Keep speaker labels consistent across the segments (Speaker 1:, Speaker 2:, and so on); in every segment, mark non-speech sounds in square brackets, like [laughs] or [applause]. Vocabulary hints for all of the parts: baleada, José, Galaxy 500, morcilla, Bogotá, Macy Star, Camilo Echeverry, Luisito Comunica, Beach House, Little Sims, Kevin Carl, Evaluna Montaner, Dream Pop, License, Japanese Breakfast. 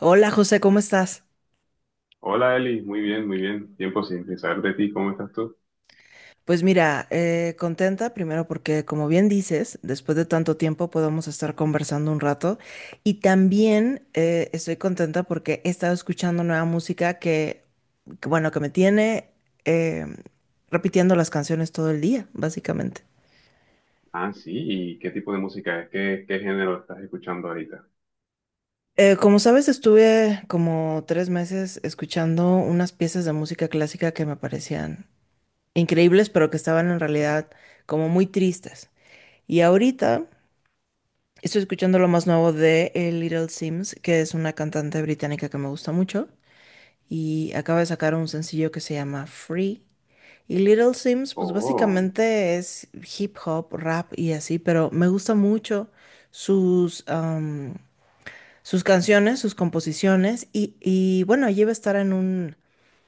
Speaker 1: Hola José, ¿cómo estás?
Speaker 2: Hola Eli, muy bien, muy bien. Tiempo sin saber de ti, ¿cómo estás tú?
Speaker 1: Pues mira, contenta primero porque como bien dices, después de tanto tiempo podemos estar conversando un rato y también estoy contenta porque he estado escuchando nueva música bueno, que me tiene eh, repitiendo las canciones todo el día, básicamente.
Speaker 2: Ah, sí, ¿y qué tipo de música es? ¿Qué género estás escuchando ahorita?
Speaker 1: Como sabes, estuve como tres meses escuchando unas piezas de música clásica que me parecían increíbles, pero que estaban en realidad como muy tristes. Y ahorita, estoy escuchando lo más nuevo de Little Sims, que es una cantante británica que me gusta mucho. Y acaba de sacar un sencillo que se llama Free. Y Little Sims pues
Speaker 2: Oh.
Speaker 1: básicamente es hip hop, rap y así, pero me gusta mucho sus, am, sus canciones, sus composiciones. Y bueno, ella va a estar en un,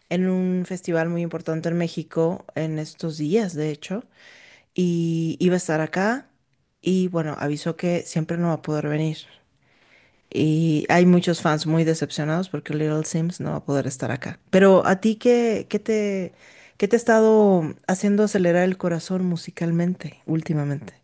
Speaker 1: en un festival muy importante en México en estos días, de hecho. Y iba a estar acá. Y bueno, avisó que siempre no va a poder venir. Y hay muchos fans muy decepcionados porque Little Sims no va a poder estar acá. Pero a ti, ¿qué te ha estado haciendo acelerar el corazón musicalmente últimamente?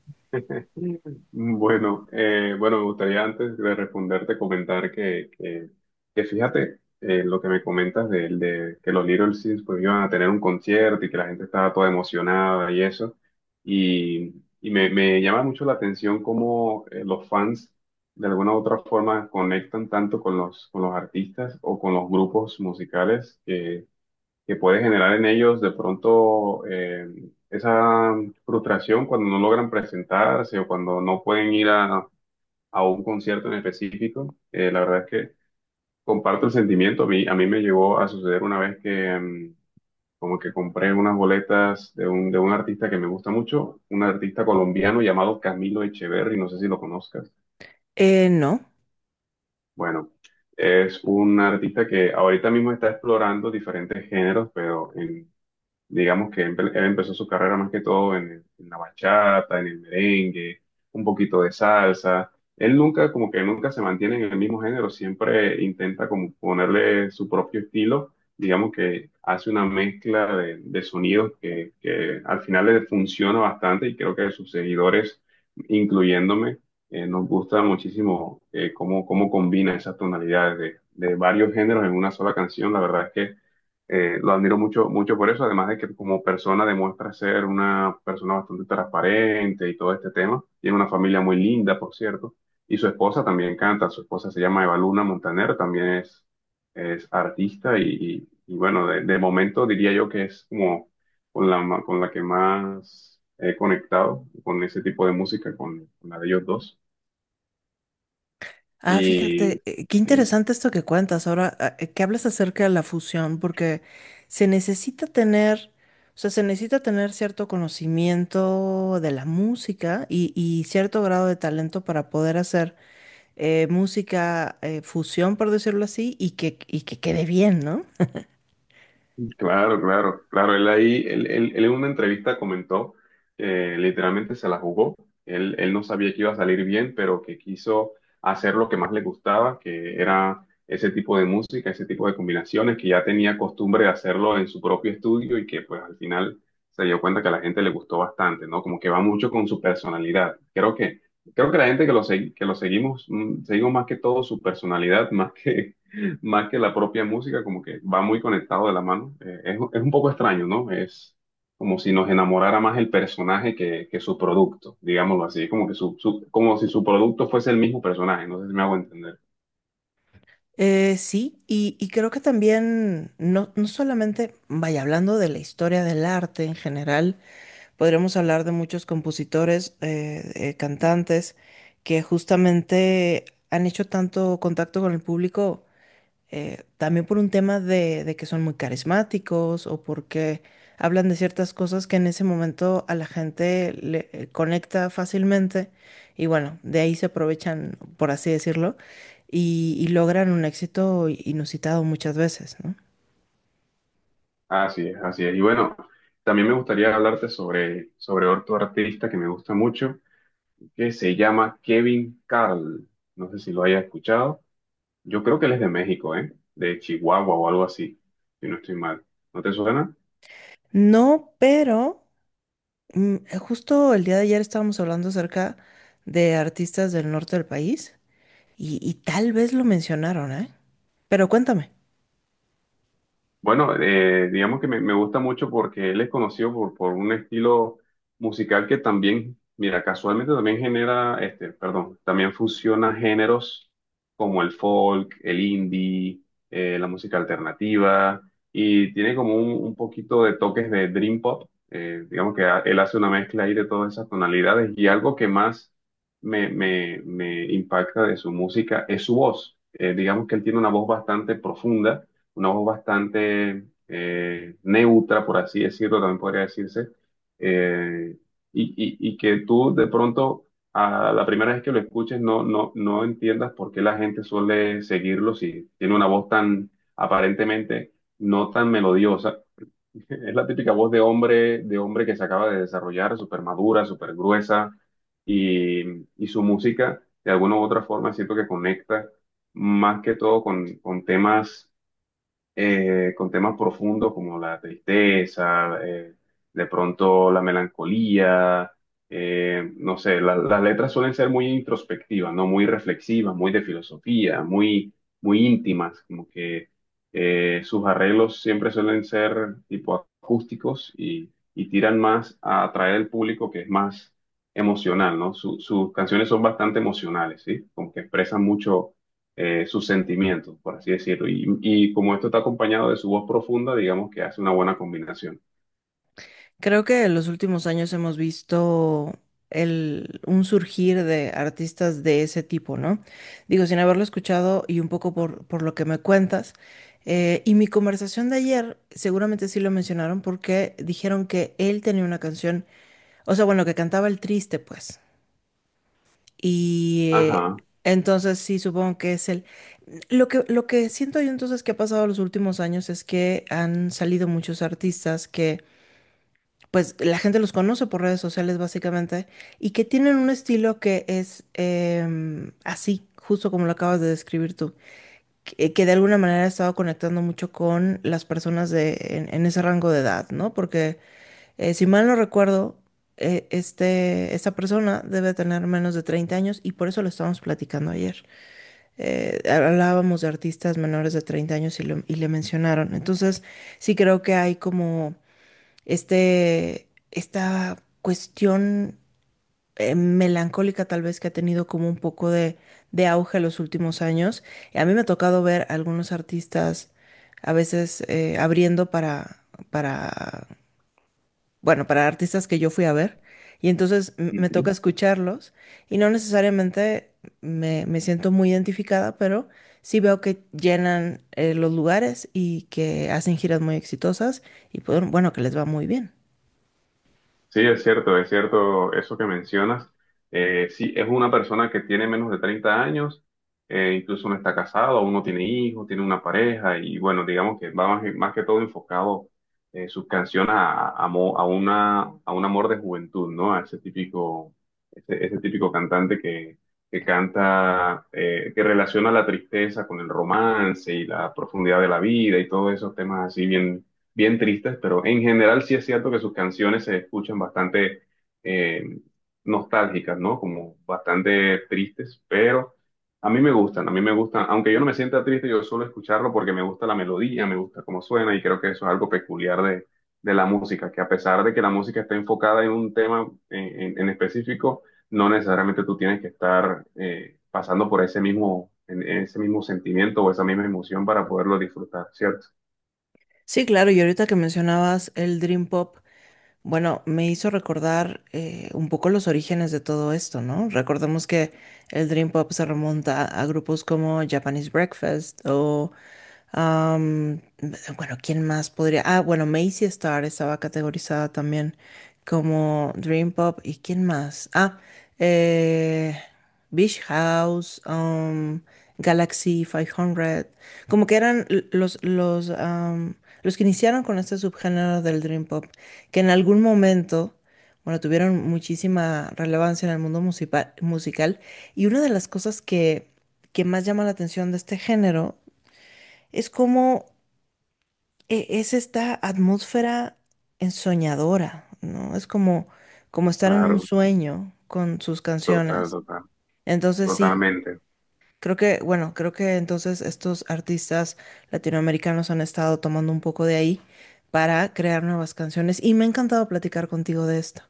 Speaker 2: Mm, bueno, bueno, me gustaría antes de responderte comentar que fíjate, lo que me comentas de que los Little Sims pues iban a tener un concierto y que la gente estaba toda emocionada y eso. Y, y me llama mucho la atención cómo, los fans de alguna u otra forma conectan tanto con con los artistas o con los grupos musicales que puede generar en ellos de pronto, esa frustración cuando no logran presentarse o cuando no pueden ir a un concierto en específico. La verdad es que comparto el sentimiento. A mí me llegó a suceder una vez que mm, como que compré unas boletas de un artista que me gusta mucho, un artista colombiano llamado Camilo Echeverry, no sé si lo conozcas.
Speaker 1: No.
Speaker 2: Bueno. Es un artista que ahorita mismo está explorando diferentes géneros, pero en... Digamos que él empezó su carrera más que todo en en la bachata, en el merengue, un poquito de salsa. Él nunca, como que nunca se mantiene en el mismo género, siempre intenta como ponerle su propio estilo. Digamos que hace una mezcla de sonidos que al final le funciona bastante y creo que sus seguidores, incluyéndome, nos gusta muchísimo, cómo combina esas tonalidades de varios géneros en una sola canción. La verdad es que, lo admiro mucho, mucho por eso, además de que como persona demuestra ser una persona bastante transparente y todo este tema. Tiene una familia muy linda, por cierto, y su esposa también canta. Su esposa se llama Evaluna Montaner, también es artista y bueno, de momento diría yo que es como con con la que más he conectado con ese tipo de música, con la de ellos dos.
Speaker 1: Ah,
Speaker 2: Y
Speaker 1: fíjate, qué
Speaker 2: sí,
Speaker 1: interesante esto que cuentas ahora, que hablas acerca de la fusión, porque se necesita tener, o sea, se necesita tener cierto conocimiento de la música y cierto grado de talento para poder hacer música fusión, por decirlo así, y que quede bien, ¿no?
Speaker 2: claro, claro, claro. Él ahí, él en una entrevista comentó que literalmente se la jugó. Él no sabía que iba a salir bien, pero que quiso hacer lo que más le gustaba, que era ese tipo de música, ese tipo de combinaciones, que ya tenía costumbre de hacerlo en su propio estudio y que pues al final se dio cuenta que a la gente le gustó bastante, ¿no? Como que va mucho con su personalidad. Creo que la gente que que lo seguimos, mm, seguimos más que todo su personalidad, [laughs] más que la propia música, como que va muy conectado de la mano. Es un poco extraño, ¿no? Es como si nos enamorara más el personaje que su producto, digámoslo así, como que como si su producto fuese el mismo personaje, no sé si me hago entender.
Speaker 1: Sí, y creo que también, no, no solamente, vaya, hablando de la historia del arte en general, podríamos hablar de muchos compositores, cantantes, que justamente han hecho tanto contacto con el público, también por un tema de que son muy carismáticos o porque hablan de ciertas cosas que en ese momento a la gente le conecta fácilmente y bueno, de ahí se aprovechan, por así decirlo, y logran un éxito inusitado muchas veces, ¿no?
Speaker 2: Así es, así es. Y bueno, también me gustaría hablarte sobre otro artista que me gusta mucho, que se llama Kevin Carl. No sé si lo hayas escuchado. Yo creo que él es de México, ¿eh? De Chihuahua o algo así, si no estoy mal. ¿No te suena?
Speaker 1: No, pero mm, justo el día de ayer estábamos hablando acerca de artistas del norte del país y tal vez lo mencionaron, ¿eh? Pero cuéntame,
Speaker 2: Bueno, digamos que me gusta mucho porque él es conocido por un estilo musical que también, mira, casualmente también también fusiona géneros como el folk, el indie, la música alternativa y tiene como un poquito de toques de dream pop. Digamos que él hace una mezcla ahí de todas esas tonalidades y algo que más me impacta de su música es su voz. Digamos que él tiene una voz bastante profunda, una voz bastante, neutra, por así decirlo, también podría decirse, eh, y, y que tú de pronto a la primera vez que lo escuches no entiendas por qué la gente suele seguirlo si tiene una voz tan aparentemente no tan melodiosa. [laughs] Es la típica voz de hombre que se acaba de desarrollar, súper madura, súper gruesa, y, y su música de alguna u otra forma siento que conecta más que todo con temas, con temas profundos como la tristeza, de pronto la melancolía, no sé, las letras suelen ser muy introspectivas, ¿no? Muy reflexivas, muy de filosofía, muy, muy íntimas, como que, sus arreglos siempre suelen ser tipo acústicos y tiran más a atraer al público que es más emocional, ¿no? Sus canciones son bastante emocionales, ¿sí? Como que expresan mucho, sus sentimientos, por así decirlo. Y como esto está acompañado de su voz profunda, digamos que hace una buena combinación.
Speaker 1: creo que en los últimos años hemos visto un surgir de artistas de ese tipo, ¿no? Digo, sin haberlo escuchado y un poco por lo que me cuentas. Y mi conversación de ayer seguramente sí lo mencionaron porque dijeron que él tenía una canción, o sea, bueno, que cantaba el triste, pues. Y
Speaker 2: Ajá.
Speaker 1: entonces sí, supongo que es el... Lo que siento yo entonces que ha pasado los últimos años es que han salido muchos artistas que pues la gente los conoce por redes sociales básicamente y que tienen un estilo que es así, justo como lo acabas de describir tú, que de alguna manera ha estado conectando mucho con las personas en ese rango de edad, ¿no? Porque si mal no recuerdo, esta persona debe tener menos de 30 años y por eso lo estábamos platicando ayer. Hablábamos de artistas menores de 30 años y, y le mencionaron. Entonces, sí creo que hay como esta cuestión melancólica tal vez que ha tenido como un poco de auge en los últimos años. Y a mí me ha tocado ver a algunos artistas a veces abriendo para bueno, para artistas que yo fui a ver, y entonces me toca escucharlos y no necesariamente me siento muy identificada, pero sí veo que llenan los lugares y que hacen giras muy exitosas y pues, bueno, que les va muy bien.
Speaker 2: Sí, es cierto eso que mencionas. Sí, es una persona que tiene menos de 30 años, incluso no está casado, aún no tiene hijos, tiene una pareja y bueno, digamos que va más, más que todo enfocado, sus canciones a, a una, a un amor de juventud, ¿no? A ese típico, ese típico cantante que canta, que relaciona la tristeza con el romance y la profundidad de la vida y todos esos temas así bien tristes, pero en general sí es cierto que sus canciones se escuchan bastante, eh, nostálgicas, ¿no? Como bastante tristes, pero a mí me gustan, a mí me gustan, aunque yo no me sienta triste, yo suelo escucharlo porque me gusta la melodía, me gusta cómo suena y creo que eso es algo peculiar de la música, que a pesar de que la música está enfocada en un tema en, en específico, no necesariamente tú tienes que estar, pasando por ese mismo, ese mismo sentimiento o esa misma emoción para poderlo disfrutar, ¿cierto?
Speaker 1: Sí, claro, y ahorita que mencionabas el Dream Pop, bueno, me hizo recordar un poco los orígenes de todo esto, ¿no? Recordemos que el Dream Pop se remonta a grupos como Japanese Breakfast o Am, bueno, ¿quién más podría? Ah, bueno, Macy Star estaba categorizada también como Dream Pop. ¿Y quién más? Eh, Beach House, Galaxy 500. Como que eran los que iniciaron con este subgénero del Dream Pop, que en algún momento, bueno, tuvieron muchísima relevancia en el mundo musical. Y una de las cosas que más llama la atención de este género es como, es esta atmósfera ensoñadora, ¿no? Es como, como estar en un
Speaker 2: Claro.
Speaker 1: sueño con sus
Speaker 2: Total,
Speaker 1: canciones.
Speaker 2: total,
Speaker 1: Entonces sí,
Speaker 2: totalmente.
Speaker 1: creo que, bueno, creo que entonces estos artistas latinoamericanos han estado tomando un poco de ahí para crear nuevas canciones y me ha encantado platicar contigo de esto.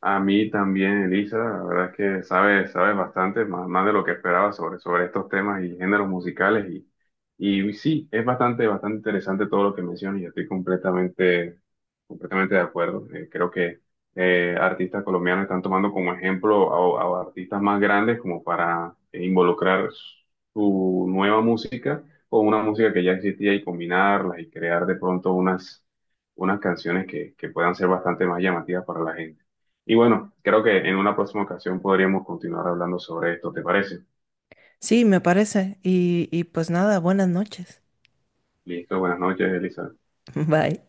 Speaker 2: A mí también, Elisa, la verdad es que sabes, sabes bastante, más, más de lo que esperaba sobre estos temas y géneros musicales. Y sí, es bastante, bastante interesante todo lo que mencionas y estoy completamente, completamente de acuerdo. Creo que, artistas colombianos están tomando como ejemplo a artistas más grandes como para involucrar su nueva música con una música que ya existía y combinarlas y crear de pronto unas, unas canciones que puedan ser bastante más llamativas para la gente. Y bueno, creo que en una próxima ocasión podríamos continuar hablando sobre esto, ¿te parece?
Speaker 1: Sí, me parece. Y pues nada, buenas noches.
Speaker 2: Listo, buenas noches, Elizabeth.
Speaker 1: [laughs] Bye.